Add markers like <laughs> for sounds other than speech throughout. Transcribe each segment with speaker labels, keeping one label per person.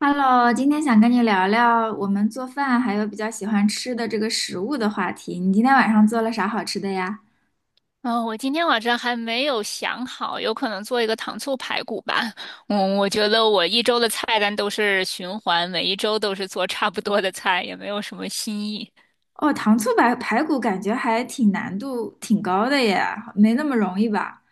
Speaker 1: Hello，今天想跟你聊聊我们做饭还有比较喜欢吃的这个食物的话题。你今天晚上做了啥好吃的呀？
Speaker 2: 嗯，我今天晚上还没有想好，有可能做一个糖醋排骨吧。我觉得我一周的菜单都是循环，每一周都是做差不多的菜，也没有什么新意。
Speaker 1: 哦，糖醋排骨感觉还挺难度挺高的耶，没那么容易吧？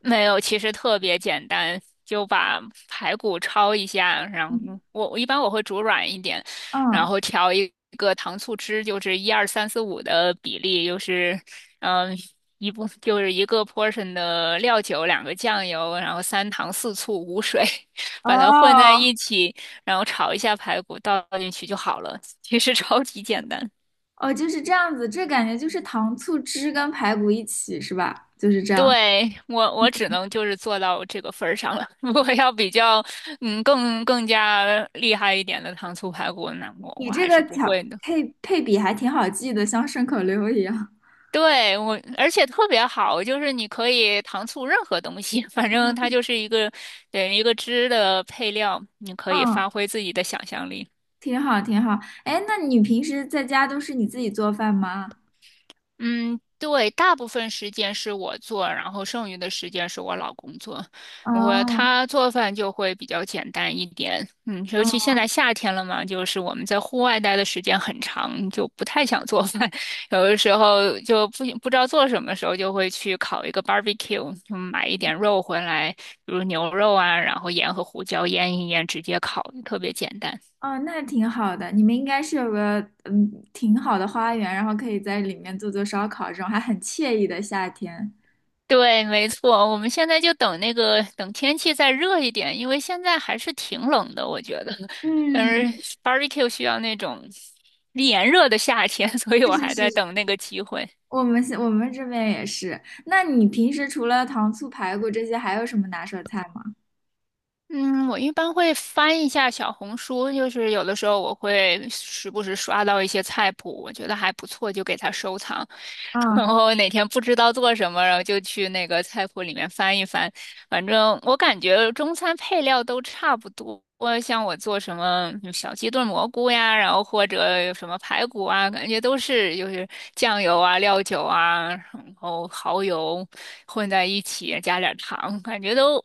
Speaker 2: 没有，其实特别简单，就把排骨焯一下，然后
Speaker 1: 嗯。
Speaker 2: 我一般会煮软一点，然
Speaker 1: 嗯。
Speaker 2: 后调一个糖醋汁，就是一二三四五的比例，就是嗯、一部就是一个 portion 的料酒，两个酱油，然后三糖四醋五水，<laughs> 把它混在
Speaker 1: 哦。
Speaker 2: 一起，然后炒一下排骨倒进去就好了。其实 <laughs> 超级简单。
Speaker 1: 哦，就是这样子，这感觉就是糖醋汁跟排骨一起是吧？就是这样。
Speaker 2: 对，我只能就是做到这个份儿上了。<laughs> 如果要比较，更加厉害一点的糖醋排骨，那我
Speaker 1: 你
Speaker 2: 我
Speaker 1: 这
Speaker 2: 还
Speaker 1: 个
Speaker 2: 是不
Speaker 1: 调
Speaker 2: 会的。
Speaker 1: 配配比还挺好记的，像顺口溜一样。
Speaker 2: 对，而且特别好，就是你可以糖醋任何东西，<laughs> 反正它就是一个，对，一个汁的配料，你可以发
Speaker 1: 嗯。
Speaker 2: 挥自己的想象力。
Speaker 1: <laughs> 挺好，挺好。哎，那你平时在家都是你自己做饭吗？
Speaker 2: 嗯，对，大部分时间是我做，然后剩余的时间是我老公做。
Speaker 1: 哦。
Speaker 2: 他做饭就会比较简单一点，尤其
Speaker 1: 嗯。
Speaker 2: 现在夏天了嘛，就是我们在户外待的时间很长，就不太想做饭，<laughs> 有的时候就不知道做什么时候，就会去烤一个 barbecue,就买一点肉回来，比如牛肉啊，然后盐和胡椒腌一腌，直接烤，特别简单。
Speaker 1: 哦，那挺好的。你们应该是有个嗯挺好的花园，然后可以在里面做做烧烤，这种还很惬意的夏天。
Speaker 2: 对，没错，我们现在就等那个等天气再热一点，因为现在还是挺冷的，我觉得。但
Speaker 1: 嗯。
Speaker 2: 是 barbecue 需要那种炎热的夏天，<laughs> 所以
Speaker 1: 是
Speaker 2: 我还
Speaker 1: 是
Speaker 2: 在
Speaker 1: 是。
Speaker 2: 等那个机会。
Speaker 1: 我们是我们这边也是。那你平时除了糖醋排骨这些，还有什么拿手菜吗？
Speaker 2: 嗯，我一般会翻一下小红书，就是有的时候我会时不时刷到一些菜谱，我觉得还不错，就给它收藏。<laughs> 然
Speaker 1: 啊、
Speaker 2: 后哪天不知道做什么，然后就去那个菜谱里面翻一翻。反正我感觉中餐配料都差不多，像我做什么小鸡炖蘑菇呀，然后或者有什么排骨啊，感觉都是就是酱油啊、料酒啊。然后蚝油混在一起，加点儿糖，感觉都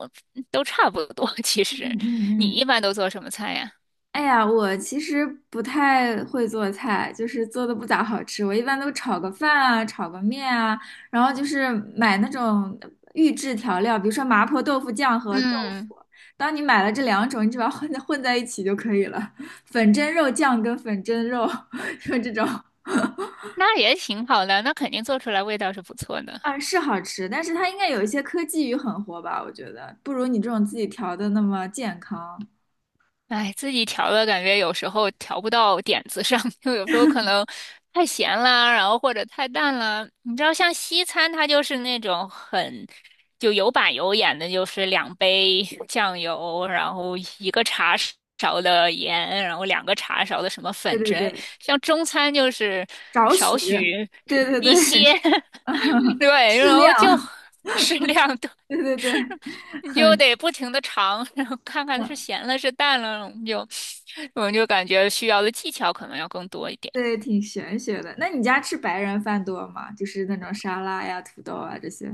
Speaker 2: 都差不多。<laughs> 其实，
Speaker 1: 嗯
Speaker 2: 你
Speaker 1: 嗯嗯。
Speaker 2: 一般都做什么菜呀？
Speaker 1: 哎呀，我其实不太会做菜，就是做的不咋好吃。我一般都炒个饭啊，炒个面啊，然后就是买那种预制调料，比如说麻婆豆腐酱和豆腐。
Speaker 2: 嗯，
Speaker 1: 当你买了这两种，你只要混在一起就可以了。粉蒸肉酱跟粉蒸肉，<laughs> 就这种。
Speaker 2: 那也挺好的，那肯定做出来味道是不错的。
Speaker 1: 啊，是好吃，但是它应该有一些科技与狠活吧？我觉得不如你这种自己调的那么健康。
Speaker 2: 哎，自己调的感觉有时候调不到点子上，<laughs> 就有时候可能太咸啦，然后或者太淡啦。你知道，像西餐它就是那种很就有板有眼的，就是两杯酱油，然后一个茶勺的盐，然后两个茶勺的什么
Speaker 1: 对
Speaker 2: 粉
Speaker 1: 对
Speaker 2: 之类。
Speaker 1: 对，
Speaker 2: 像中餐就是
Speaker 1: 少许。
Speaker 2: 少许
Speaker 1: 对对
Speaker 2: <laughs>
Speaker 1: 对。
Speaker 2: 一些，
Speaker 1: <laughs>
Speaker 2: <laughs> 对，
Speaker 1: 适
Speaker 2: 然后就
Speaker 1: 量。
Speaker 2: <laughs> 适量，
Speaker 1: <laughs>
Speaker 2: <laughs>
Speaker 1: 对对对。
Speaker 2: 你就
Speaker 1: 很，
Speaker 2: 得不停的尝，<laughs> 然后看看是
Speaker 1: 嗯，
Speaker 2: 咸了是淡了，我们就感觉需要的技巧可能要更多一点。
Speaker 1: 对，挺玄学的。那你家吃白人饭多吗？就是那种沙拉呀、土豆啊这些。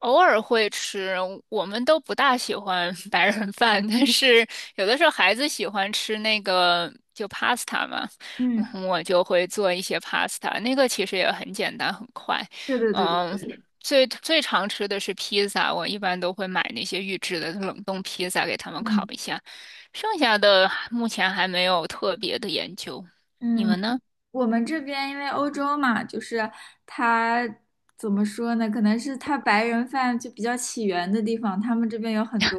Speaker 2: 偶尔会吃，我们都不大喜欢 <laughs> 白人饭，但是有的时候孩子喜欢吃那个就 pasta 嘛，然
Speaker 1: 嗯。
Speaker 2: 后我就会做一些 pasta,那个其实也很简单很快。
Speaker 1: 对对对对
Speaker 2: 嗯，
Speaker 1: 对。
Speaker 2: 最最常吃的是披萨，我一般都会买那些预制的冷冻披萨给他们烤
Speaker 1: 嗯
Speaker 2: 一下，剩下的目前还没有特别的研究。你
Speaker 1: 嗯。
Speaker 2: 们呢？
Speaker 1: 我们这边因为欧洲嘛，就是它怎么说呢？可能是它白人饭就比较起源的地方，他们这边有很多，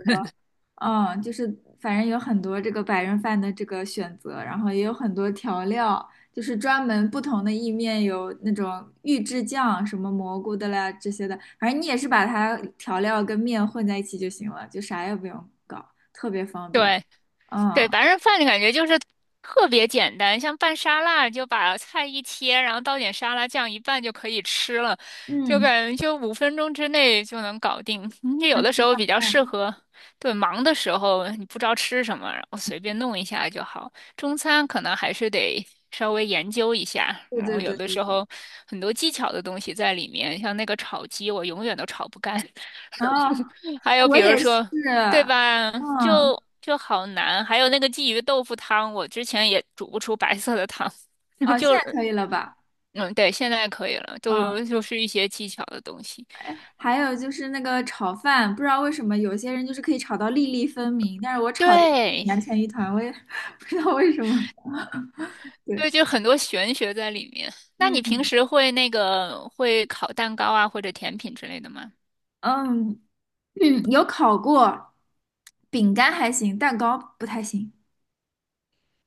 Speaker 1: 嗯，就是反正有很多这个白人饭的这个选择，然后也有很多调料，就是专门不同的意面有那种预制酱，什么蘑菇的啦这些的，反正你也是把它调料跟面混在一起就行了，就啥也不用搞，特别方便。
Speaker 2: 对。对，
Speaker 1: 嗯
Speaker 2: 白人饭的感觉就是特别简单，像拌沙拉，就把菜一切，然后倒点沙拉酱一拌就可以吃了，就
Speaker 1: 嗯，
Speaker 2: 感觉就5分钟之内就能搞定。<laughs> 你有
Speaker 1: 那
Speaker 2: 的时
Speaker 1: 吃
Speaker 2: 候
Speaker 1: 下
Speaker 2: 比较适
Speaker 1: 饭。
Speaker 2: 合，对，忙的时候你不知道吃什么，然后随便弄一下就好。中餐可能还是得稍微研究一下，
Speaker 1: 对
Speaker 2: 然后
Speaker 1: 对
Speaker 2: 有
Speaker 1: 对
Speaker 2: 的
Speaker 1: 对
Speaker 2: 时
Speaker 1: 对。
Speaker 2: 候很多技巧的东西在里面，像那个炒鸡，我永远都炒不干。
Speaker 1: 啊，
Speaker 2: 还
Speaker 1: 哎
Speaker 2: 有
Speaker 1: 我
Speaker 2: 比如
Speaker 1: 也是。
Speaker 2: 说，对吧？
Speaker 1: 嗯。
Speaker 2: 就好难。还有那个鲫鱼豆腐汤，我之前也煮不出白色的汤，<laughs>
Speaker 1: 哦，现
Speaker 2: 就
Speaker 1: 在可以了吧？
Speaker 2: 嗯，对，现在可以了，
Speaker 1: 嗯，
Speaker 2: 都就是一些技巧的东西。
Speaker 1: 哎，还有就是那个炒饭，不知道为什么有些人就是可以炒到粒粒分明，但是我炒的
Speaker 2: 对，
Speaker 1: 粘成一团，我也 <laughs> 不知道为什么。对。
Speaker 2: 对，就很多玄学在里面。那你平
Speaker 1: 嗯
Speaker 2: 时会烤蛋糕啊，或者甜品之类的吗？
Speaker 1: 嗯嗯，有烤过，饼干还行，蛋糕不太行，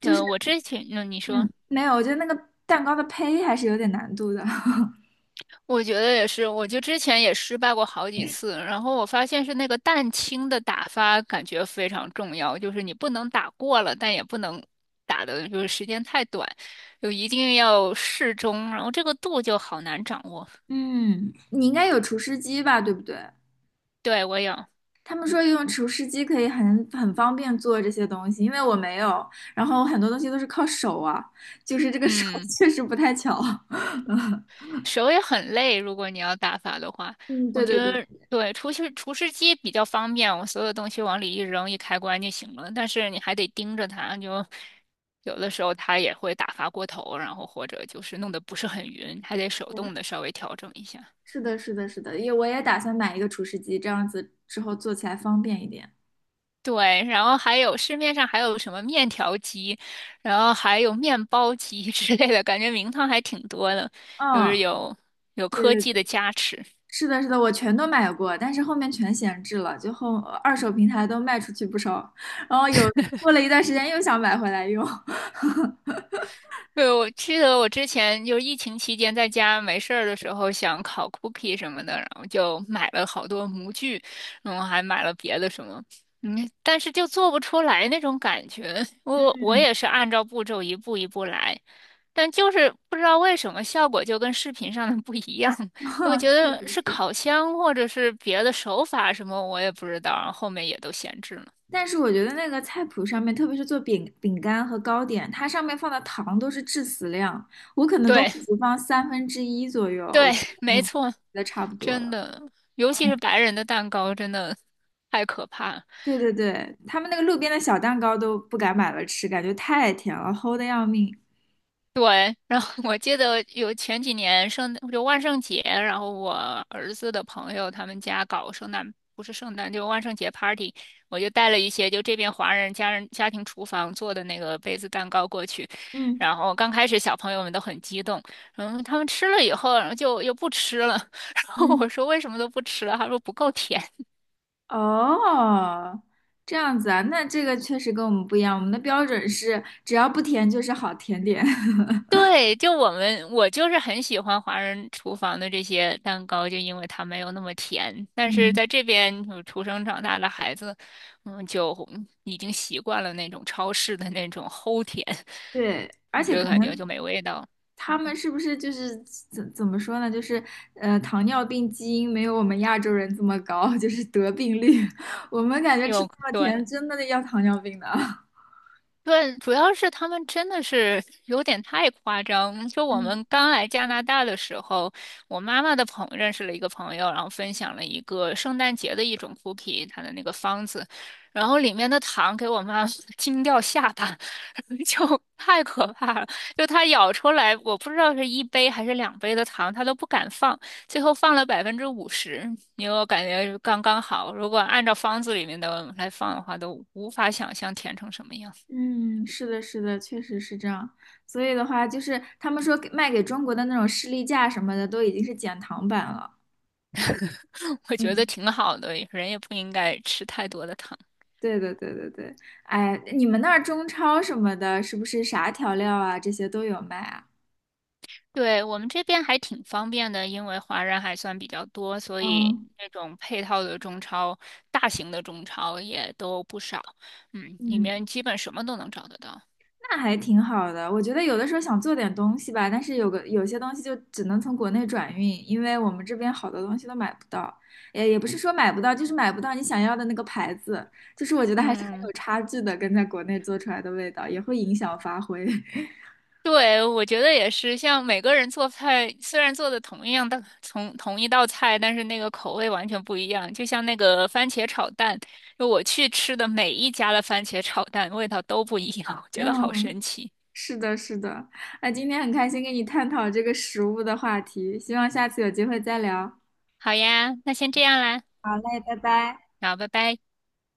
Speaker 1: 就是
Speaker 2: 我之前，你说。
Speaker 1: 嗯，没有，我觉得那个蛋糕的胚还是有点难度的。<laughs>
Speaker 2: 我觉得也是，我就之前也失败过好几次，然后我发现是那个蛋清的打发感觉非常重要，就是你不能打过了，但也不能打的就是时间太短，就一定要适中，然后这个度就好难掌握。
Speaker 1: 嗯，你应该有厨师机吧，对不对？
Speaker 2: 对，我有，
Speaker 1: 他们说用厨师机可以很方便做这些东西，因为我没有，然后很多东西都是靠手啊，就是这个手 <laughs>
Speaker 2: 嗯。
Speaker 1: 确实不太巧。
Speaker 2: 手也很累，如果你要打发的话，
Speaker 1: 嗯，
Speaker 2: 我
Speaker 1: 对
Speaker 2: 觉
Speaker 1: 对对
Speaker 2: 得对，厨师机比较方便，我所有东西往里一扔一开关就行了。但是你还得盯着它，就有的时候它也会打发过头，然后或者就是弄得不是很匀，还得手
Speaker 1: 对，
Speaker 2: 动的稍微调整一下。
Speaker 1: 是的，是的，是的，也我也打算买一个厨师机，这样子之后做起来方便一点。
Speaker 2: 对，然后还有市面上还有什么面条机，然后还有面包机 <laughs> 之类的，感觉名堂还挺多的，就是
Speaker 1: 嗯，
Speaker 2: 有
Speaker 1: 对
Speaker 2: 科
Speaker 1: 对
Speaker 2: 技的
Speaker 1: 对，
Speaker 2: 加持。
Speaker 1: 是的，是的，我全都买过，但是后面全闲置了，就后二手平台都卖出去不少，然后有过了一段时间又想买回来用。
Speaker 2: 对，我记得我之前就是疫情期间在家没事儿的时候，想烤 cookie 什么的，然后就买了好多模具，然后还买了别的什么，但是就做不出来那种感觉。我也是按照步骤一步一步来，但就是不知道为什么效果就跟视频上的不一样。<laughs> 我
Speaker 1: <laughs>
Speaker 2: 觉
Speaker 1: 确
Speaker 2: 得
Speaker 1: 实
Speaker 2: 是
Speaker 1: 是。
Speaker 2: 烤箱或者是别的手法什么，我也不知道，然后后面也都闲置了。
Speaker 1: 但是我觉得那个菜谱上面，特别是做饼干和糕点，它上面放的糖都是致死量，我可能都
Speaker 2: 对
Speaker 1: 会只放三分之一左右，我
Speaker 2: 对，
Speaker 1: 就嗯
Speaker 2: 没
Speaker 1: 觉嗯
Speaker 2: 错。
Speaker 1: 得差不多
Speaker 2: 真
Speaker 1: 了。
Speaker 2: 的，尤其是白人的蛋糕，真的太可怕。
Speaker 1: 对对对，他们那个路边的小蛋糕都不敢买了吃，感觉太甜了，齁的要命。
Speaker 2: 对，然后我记得有前几年万圣节，然后我儿子的朋友他们家搞圣诞，不是圣诞，就万圣节 party,我就带了一些就这边华人家庭厨房做的那个杯子蛋糕过去，
Speaker 1: 嗯
Speaker 2: 然后刚开始小朋友们都很激动，然后他们吃了以后，然后就又不吃了，<laughs> 然后
Speaker 1: 嗯。
Speaker 2: 我说为什么都不吃了，他说不够甜。
Speaker 1: 哦，这样子啊，那这个确实跟我们不一样，我们的标准是只要不甜就是好甜点。<laughs>
Speaker 2: 对，就我们，我就是很喜欢华人厨房的这些蛋糕，就因为它没有那么甜。但是
Speaker 1: 嗯
Speaker 2: 在这边就出生长大的孩子，就已经习惯了那种超市的那种齁甜，
Speaker 1: 对，
Speaker 2: <laughs>
Speaker 1: 而
Speaker 2: 我
Speaker 1: 且
Speaker 2: 觉得
Speaker 1: 可
Speaker 2: 感觉就
Speaker 1: 能
Speaker 2: 没味道。
Speaker 1: 他
Speaker 2: 嗯，
Speaker 1: 们是不是就是怎么说呢？就是糖尿病基因没有我们亚洲人这么高，<laughs> 就是得病率。<laughs> 我们感觉吃
Speaker 2: 有，
Speaker 1: 这么
Speaker 2: 对。
Speaker 1: 甜，真的要糖尿病的。<laughs>
Speaker 2: 对，主要是他们真的是有点太夸张。就我
Speaker 1: 嗯
Speaker 2: 们刚来加拿大的时候，我妈妈的认识了一个朋友，然后分享了一个圣诞节的一种 cookie,它的那个方子，然后里面的糖给我妈 <laughs> 惊掉下巴，<laughs> 就太可怕了。就她咬出来，我不知道是一杯还是两杯的糖，她都不敢放，最后放了50%，因为我感觉是刚刚好。如果按照方子里面的来放的话，都无法想象甜成什么样。
Speaker 1: 嗯，是的，是的，确实是这样。所以的话，就是他们说给卖给中国的那种士力架什么的，都已经是减糖版了。
Speaker 2: <laughs> 我觉得
Speaker 1: 嗯，
Speaker 2: 挺好的，人也不应该吃太多的糖。
Speaker 1: 对的，对对对。哎，你们那儿中超什么的，是不是啥调料啊，这些都有卖啊？
Speaker 2: 对，我们这边还挺方便的，因为华人还算比较多，所以
Speaker 1: 嗯
Speaker 2: 那种配套的中超，大型的中超也都不少。里
Speaker 1: 嗯。
Speaker 2: 面基本什么都能找得到。
Speaker 1: 那还挺好的，我觉得有的时候想做点东西吧，但是有些东西就只能从国内转运，因为我们这边好多东西都买不到，也不是说买不到，就是买不到你想要的那个牌子，就是我觉得还是很
Speaker 2: 嗯，
Speaker 1: 有差距的，跟在国内做出来的味道也会影响发挥。<laughs>
Speaker 2: 对，我觉得也是，像每个人做菜，虽然做的同一样的同一道菜，但是那个口味完全不一样。就像那个番茄炒蛋，就我去吃的每一家的番茄炒蛋味道都不一样，我觉得好
Speaker 1: 嗯，
Speaker 2: 神奇。
Speaker 1: 是的，是的，那今天很开心跟你探讨这个食物的话题，希望下次有机会再聊。
Speaker 2: 好呀，那先这样啦，
Speaker 1: 哎，拜拜。
Speaker 2: 好，拜拜。